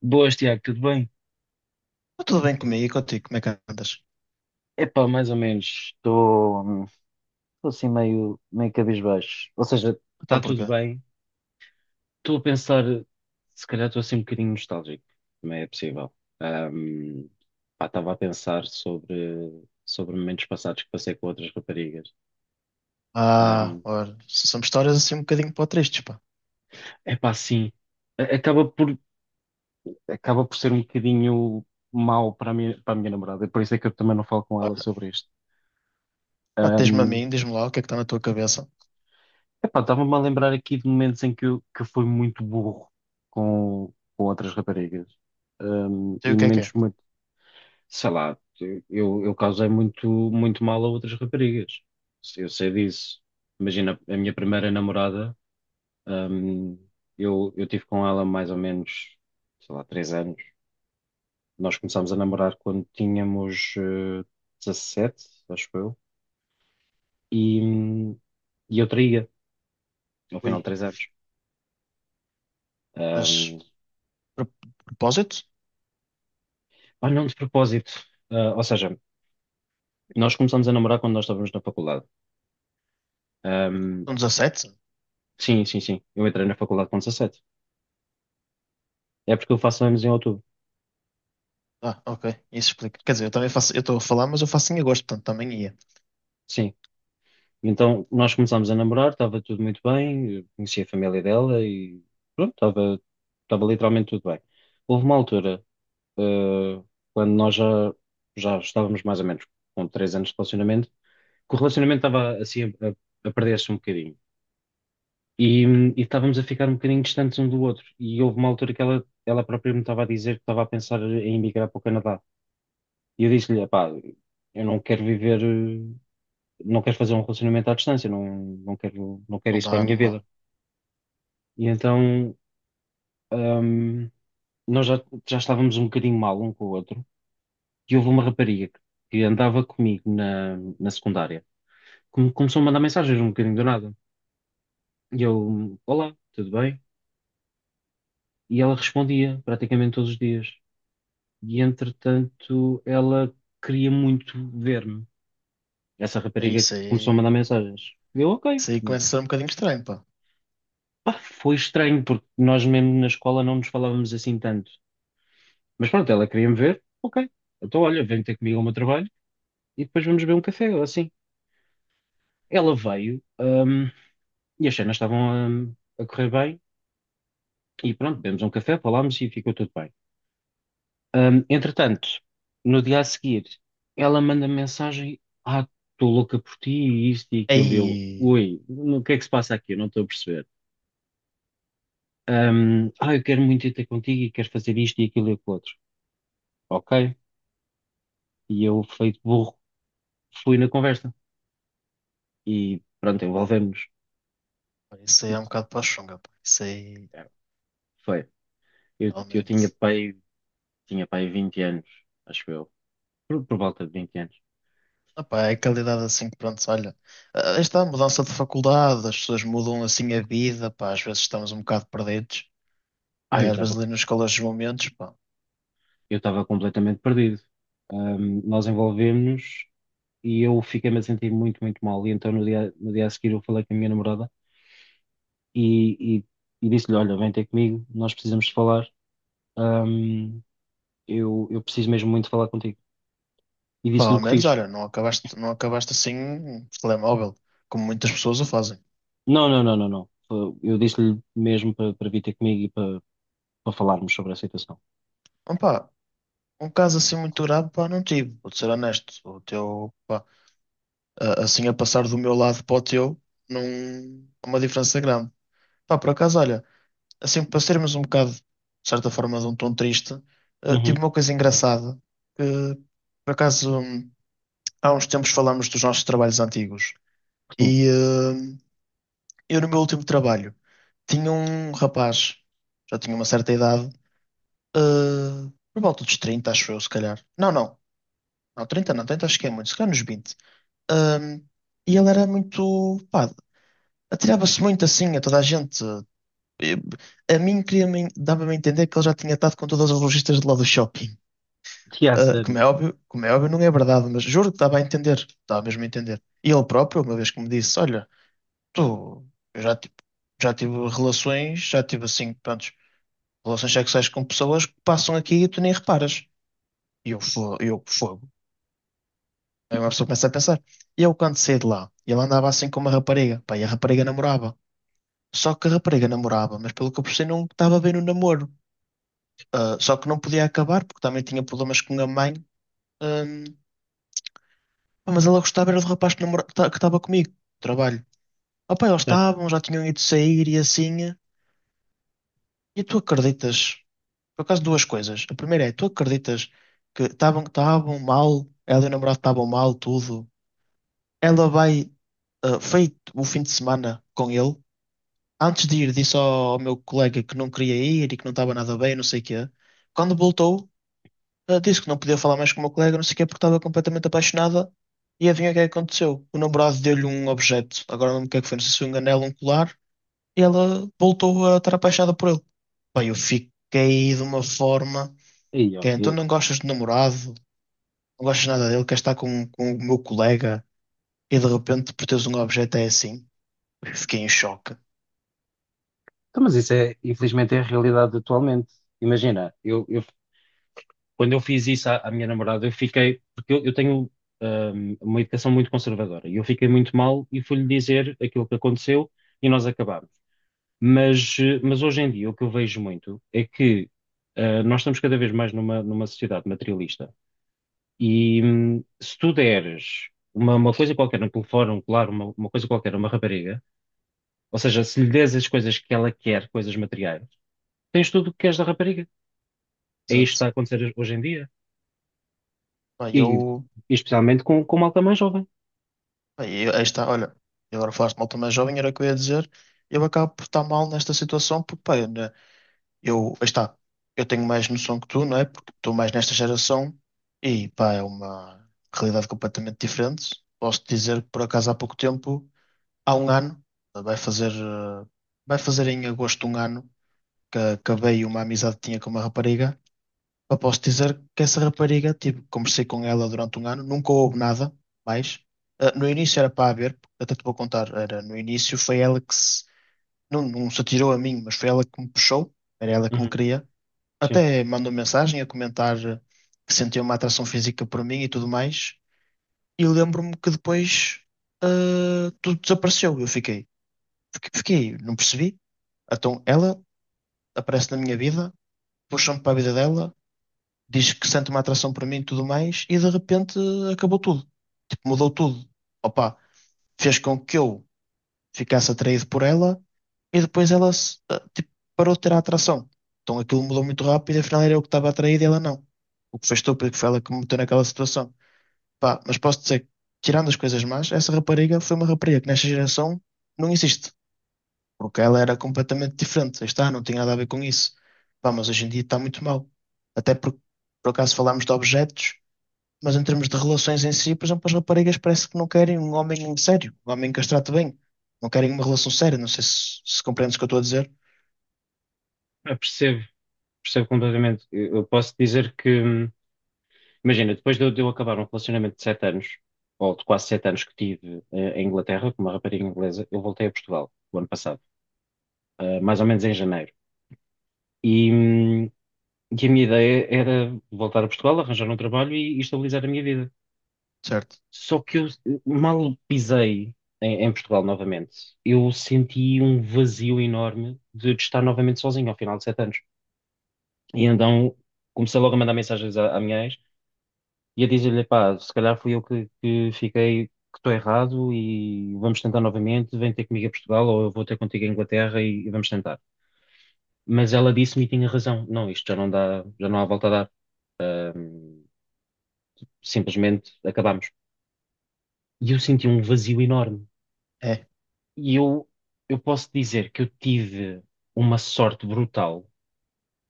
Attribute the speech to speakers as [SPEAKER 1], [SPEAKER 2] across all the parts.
[SPEAKER 1] Boas, Tiago, tudo bem?
[SPEAKER 2] Está tudo bem comigo e contigo? Como é que andas?
[SPEAKER 1] Epá, mais ou menos. Estou assim meio cabisbaixo. Ou seja,
[SPEAKER 2] Então
[SPEAKER 1] está tudo
[SPEAKER 2] porquê?
[SPEAKER 1] bem. Estou a pensar, se calhar estou assim um bocadinho nostálgico. Também é possível. Ahm, pá, estava a pensar sobre momentos passados que passei com outras raparigas.
[SPEAKER 2] Ah,
[SPEAKER 1] Ahm,
[SPEAKER 2] olha, são histórias assim um bocadinho para tristes, pá.
[SPEAKER 1] epá, sim. A- Acaba por, acaba por ser um bocadinho mau para a minha namorada. Por isso é que eu também não falo com ela
[SPEAKER 2] Olha,
[SPEAKER 1] sobre isto.
[SPEAKER 2] pá, tens-me a mim, diz-me lá o que é que está na tua cabeça.
[SPEAKER 1] Epá, estava-me a lembrar aqui de momentos em que eu fui muito burro com outras raparigas.
[SPEAKER 2] Sei
[SPEAKER 1] E
[SPEAKER 2] o que é que
[SPEAKER 1] momentos
[SPEAKER 2] é.
[SPEAKER 1] muito, sei lá, eu causei muito, muito mal a outras raparigas. Eu sei disso. Imagina, a minha primeira namorada, hum, eu tive com ela mais ou menos, sei lá, 3 anos. Nós começámos a namorar quando tínhamos, 17, acho eu. E, hum, e eu traía, ao final de
[SPEAKER 2] Ui,
[SPEAKER 1] 3 anos.
[SPEAKER 2] mas
[SPEAKER 1] Hum,
[SPEAKER 2] pro- propósito?
[SPEAKER 1] Pá, não de propósito. Ah, ou seja, nós começamos a namorar quando nós estávamos na faculdade. Ahm,
[SPEAKER 2] São 17.
[SPEAKER 1] sim, sim, sim. Eu entrei na faculdade com 17. É porque eu faço anos em outubro.
[SPEAKER 2] Ah, ok, isso explica. Quer dizer, eu também faço, eu estou a falar, mas eu faço em agosto, portanto também ia.
[SPEAKER 1] Sim. Então, nós começámos a namorar, estava tudo muito bem, eu conheci a família dela e pronto, estava literalmente tudo bem. Houve uma altura, ah, quando nós já estávamos mais ou menos com 3 anos de relacionamento, que o relacionamento estava assim a perder-se um bocadinho. E estávamos a ficar um bocadinho distantes um do outro. E houve uma altura que ela própria me estava a dizer que estava a pensar em emigrar para o Canadá. E eu disse-lhe, epá, eu não quero viver, não quero fazer um relacionamento à distância, não, não quero
[SPEAKER 2] Não
[SPEAKER 1] isso para a
[SPEAKER 2] dá,
[SPEAKER 1] minha
[SPEAKER 2] não dá.
[SPEAKER 1] vida. E então, hum, nós já estávamos um bocadinho mal um com o outro. E houve uma rapariga que andava comigo na secundária, que me começou a mandar mensagens um bocadinho do nada. E eu, olá, tudo bem? E ela respondia praticamente todos os dias. E entretanto ela queria muito ver-me. Essa
[SPEAKER 2] É
[SPEAKER 1] rapariga
[SPEAKER 2] isso
[SPEAKER 1] começou a
[SPEAKER 2] aí.
[SPEAKER 1] mandar mensagens. Eu, ok.
[SPEAKER 2] Isso aí começa a ser um bocadinho estranho, pá.
[SPEAKER 1] Pá, foi estranho, porque nós mesmo na escola não nos falávamos assim tanto. Mas pronto, ela queria-me ver, ok. Então, olha, vem ter comigo ao meu trabalho e depois vamos beber um café, ou assim. Ela veio, e as cenas estavam, a correr bem, e pronto, bebemos um café, falámos e ficou tudo bem. Entretanto, no dia a seguir, ela manda mensagem: "Ah, estou louca por ti", e isto e aquilo. E eu,
[SPEAKER 2] Aí,
[SPEAKER 1] ui, o que é que se passa aqui? Eu não estou a perceber. Eu quero muito ir ter contigo e quero fazer isto e aquilo e o outro. Ok. E eu, feito burro, fui na conversa. E pronto, envolvemos.
[SPEAKER 2] isso aí é um bocado para a chunga, pá. Isso aí,
[SPEAKER 1] Foi. Eu tinha
[SPEAKER 2] realmente.
[SPEAKER 1] pai 20 anos, acho eu. Por volta de 20 anos.
[SPEAKER 2] Epá, é qualidade assim, pronto, olha, esta mudança de faculdade, as pessoas mudam assim a vida, pá, às vezes estamos um bocado perdidos,
[SPEAKER 1] Ah,
[SPEAKER 2] pá,
[SPEAKER 1] eu
[SPEAKER 2] e às
[SPEAKER 1] estava
[SPEAKER 2] vezes ali nos calores dos momentos, pá,
[SPEAKER 1] eu estava completamente perdido. Nós envolvemos-nos e eu fiquei-me a sentir muito, muito mal. E então no dia a seguir eu falei com a minha namorada e, e, e disse-lhe, olha, vem ter comigo, nós precisamos de falar, hum, eu preciso mesmo muito falar contigo. E
[SPEAKER 2] pá,
[SPEAKER 1] disse-lhe o
[SPEAKER 2] ao
[SPEAKER 1] que
[SPEAKER 2] menos,
[SPEAKER 1] fiz.
[SPEAKER 2] olha, não acabaste, não acabaste assim, por telemóvel, como muitas pessoas o fazem.
[SPEAKER 1] Não, não, não, não, não. Eu disse-lhe mesmo para vir ter comigo para falarmos sobre a situação.
[SPEAKER 2] Ah, pá, um caso assim muito grave, pá, não tive, vou ser honesto, o teu, pá, assim a passar do meu lado para o teu, não, há uma diferença grande. Pá, por acaso, olha, assim, para sermos um bocado, de certa forma, de um tom triste, tive
[SPEAKER 1] Uhum.
[SPEAKER 2] uma coisa engraçada, que, por acaso, há uns tempos falámos dos nossos trabalhos antigos,
[SPEAKER 1] Sim,
[SPEAKER 2] e eu no meu último trabalho tinha um rapaz, já tinha uma certa idade, por volta dos 30 acho eu, se calhar. Não, não, não, 30 não, 30 acho que é muito, se calhar nos 20. Hum, e ele era muito, pá, atirava-se muito assim a toda a gente, eh, a mim dava-me a entender que ele já tinha estado com todas as lojistas de lá do shopping.
[SPEAKER 1] que há
[SPEAKER 2] Ah,
[SPEAKER 1] sério.
[SPEAKER 2] como é óbvio, não é verdade, mas juro que dava a entender, dava mesmo a entender. E ele próprio, uma vez que me disse, olha, tu, eu já, tipo, já tive relações, já tive assim, prontos, relações sexuais com pessoas que passam aqui e tu nem reparas. E eu fogo. Aí uma pessoa começa a pensar. E eu quando saí de lá, ele andava assim com uma rapariga, pá, e a rapariga namorava. Só que a rapariga namorava, mas pelo que eu percebi não estava bem no namoro. Só que não podia acabar, porque também tinha problemas com a mãe. Hum, pá, mas ela gostava era do rapaz que estava comigo, no trabalho. Opa, eles
[SPEAKER 1] Certo.
[SPEAKER 2] estavam, já tinham ido sair e assim. E tu acreditas? Por acaso, duas coisas. A primeira é, tu acreditas que estavam mal, ela e o namorado estavam mal, tudo. Ela vai, ah, feito o fim de semana com ele. Antes de ir, disse ao meu colega que não queria ir e que não estava nada bem, não sei o quê. Quando voltou, ela disse que não podia falar mais com o meu colega, não sei o quê, porque estava completamente apaixonada. E adivinha o que é que aconteceu? O namorado deu-lhe um objeto, agora não lembro o que é que foi, não sei se foi um anel, um colar, e ela voltou a estar apaixonada por ele. Bem, eu fiquei de uma forma
[SPEAKER 1] Aí,
[SPEAKER 2] que é, então
[SPEAKER 1] ok.
[SPEAKER 2] não gostas de namorado, não gostas nada dele, queres estar com o meu colega, e de repente por teres um objeto é assim. Eu fiquei em choque.
[SPEAKER 1] Então, mas isso é, infelizmente, é a realidade atualmente. Imagina, eu quando eu fiz isso à minha namorada, eu fiquei, porque eu tenho, uma educação muito conservadora, e eu fiquei muito mal e fui-lhe dizer aquilo que aconteceu e nós acabámos. Mas hoje em dia o que eu vejo muito é que nós estamos cada vez mais numa sociedade materialista e, se tu deres uma coisa qualquer no telefone, um colar, uma coisa qualquer, a uma rapariga, ou seja, se lhe des as coisas que ela quer, coisas materiais, tens tudo o que queres da rapariga. É isto que
[SPEAKER 2] Exato.
[SPEAKER 1] está a acontecer hoje em dia.
[SPEAKER 2] Bem,
[SPEAKER 1] E, e
[SPEAKER 2] eu,
[SPEAKER 1] especialmente com malta mais jovem.
[SPEAKER 2] bem, aí está, olha, e agora falaste mal também jovem, era o que eu ia dizer, eu acabo por estar mal nesta situação, porque, bem, eu, aí está, eu tenho mais noção que tu, não é? Porque estou mais nesta geração e, pá, é uma realidade completamente diferente. Posso dizer que, por acaso, há pouco tempo, há um ano, vai fazer, eh, vai fazer em agosto um ano que acabei uma amizade que tinha com uma rapariga. Pá, posso dizer que essa rapariga, tipo, conversei com ela durante um ano, nunca houve nada mais. No início era para haver, até te vou contar, era no início foi ela que se, não, não se atirou a mim, mas foi ela que me puxou, era ela que me
[SPEAKER 1] Uhum,
[SPEAKER 2] queria,
[SPEAKER 1] sim,
[SPEAKER 2] até mandou mensagem a comentar que sentia uma atração física por mim e tudo mais. E lembro-me que depois ah, tudo desapareceu. Eu fiquei, fiquei, fiquei, não percebi. Então ela aparece na minha vida, puxa-me para a vida dela, diz que sente uma atração por mim e tudo mais, e de repente acabou tudo. Tipo, mudou tudo. Opa, fez com que eu ficasse atraído por ela e depois ela ah, tipo, parou de ter a atração. Então aquilo mudou muito rápido e afinal era eu que estava atraído e ela não. O que fez estúpido, que foi ela que me meteu naquela situação. Pá, mas posso dizer que, tirando as coisas más, essa rapariga foi uma rapariga que nesta geração não existe. Porque ela era completamente diferente. Aí está, não tinha nada a ver com isso. Pá, mas hoje em dia está muito mal. Até porque, por acaso, falámos de objetos, mas em termos de relações em si, por exemplo, as raparigas parece que não querem um homem sério, um homem que as trate bem. Não querem uma relação séria. Não sei se compreendes o que eu estou a dizer.
[SPEAKER 1] eu percebo, percebo completamente. Eu posso dizer que, imagina, depois de eu acabar um relacionamento de 7 anos, ou de quase 7 anos que tive, em Inglaterra, com uma rapariga inglesa, eu voltei a Portugal o ano passado, mais ou menos em janeiro. E, hum, e a minha ideia era voltar a Portugal, arranjar um trabalho e estabilizar a minha vida.
[SPEAKER 2] Certo.
[SPEAKER 1] Só que eu mal pisei, em Portugal novamente. Eu senti um vazio enorme de estar novamente sozinho ao final de 7 anos. E então comecei logo a mandar mensagens à minha ex e a dizer-lhe, pá, se calhar fui eu que fiquei, que estou errado e vamos tentar novamente, vem ter comigo a Portugal ou eu vou ter contigo a Inglaterra e vamos tentar. Mas ela disse-me e tinha razão. Não, isto já não dá, já não há volta a dar. Hum, simplesmente acabámos. E eu senti um vazio enorme.
[SPEAKER 2] É,
[SPEAKER 1] E eu posso dizer que eu tive uma sorte brutal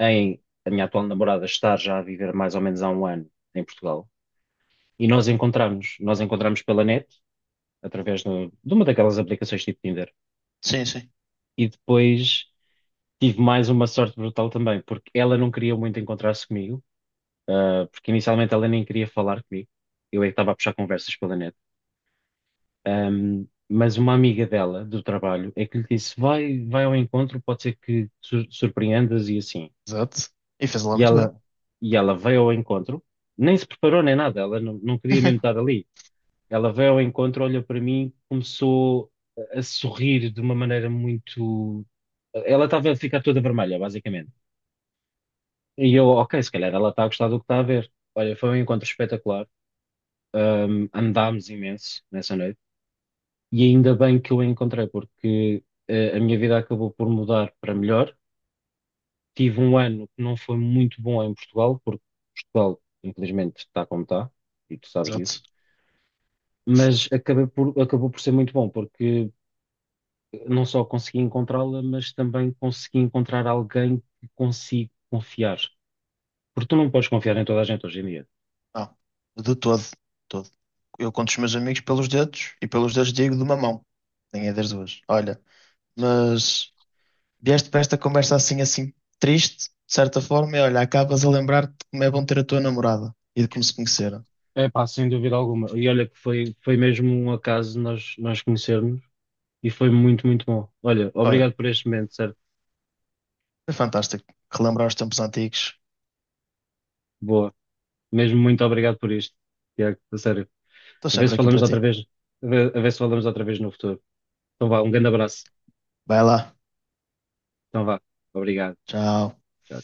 [SPEAKER 1] em a minha atual namorada estar já a viver mais ou menos há um ano em Portugal. E nós encontramos pela net, através de uma daquelas aplicações tipo Tinder.
[SPEAKER 2] sim, sim.
[SPEAKER 1] E depois tive mais uma sorte brutal também, porque ela não queria muito encontrar-se comigo, porque inicialmente ela nem queria falar comigo. Eu é que estava a puxar conversas pela net. Mas uma amiga dela, do trabalho, é que lhe disse: vai, vai ao encontro, pode ser que surpreendas e assim.
[SPEAKER 2] Exato. E fez lá
[SPEAKER 1] E
[SPEAKER 2] muito
[SPEAKER 1] ela,
[SPEAKER 2] bem.
[SPEAKER 1] e ela veio ao encontro, nem se preparou nem nada, ela não queria mesmo estar ali. Ela veio ao encontro, olhou para mim, começou a sorrir de uma maneira muito. Ela estava a ficar toda vermelha, basicamente. E eu, ok, se calhar ela está a gostar do que está a ver. Olha, foi um encontro espetacular. Andámos imenso nessa noite. E ainda bem que eu a encontrei, porque, a minha vida acabou por mudar para melhor. Tive um ano que não foi muito bom em Portugal, porque Portugal, infelizmente, está como está, e tu sabes disso.
[SPEAKER 2] Exato.
[SPEAKER 1] Mas acabou por ser muito bom, porque não só consegui encontrá-la, mas também consegui encontrar alguém que consigo confiar. Porque tu não podes confiar em toda a gente hoje em dia.
[SPEAKER 2] Não, de todo. De todo. Eu conto os meus amigos pelos dedos e pelos dedos digo de uma mão. Nem é das duas. Olha, mas vieste para esta conversa assim, assim, triste, de certa forma, e olha, acabas a lembrar-te de como é bom ter a tua namorada e de como se conheceram.
[SPEAKER 1] É pá, sem dúvida alguma. E olha que foi mesmo um acaso nós conhecermos e foi muito, muito bom. Olha,
[SPEAKER 2] Olha,
[SPEAKER 1] obrigado por este momento, certo?
[SPEAKER 2] foi fantástico relembrar os tempos antigos.
[SPEAKER 1] Boa. Mesmo muito obrigado por isto, Tiago, a sério.
[SPEAKER 2] Estou
[SPEAKER 1] A ver se
[SPEAKER 2] sempre aqui
[SPEAKER 1] falamos
[SPEAKER 2] para ti.
[SPEAKER 1] outra vez, a ver se falamos outra vez no futuro. Então vá, um grande abraço.
[SPEAKER 2] Vai lá.
[SPEAKER 1] Então vá, obrigado.
[SPEAKER 2] Tchau.
[SPEAKER 1] Tchau.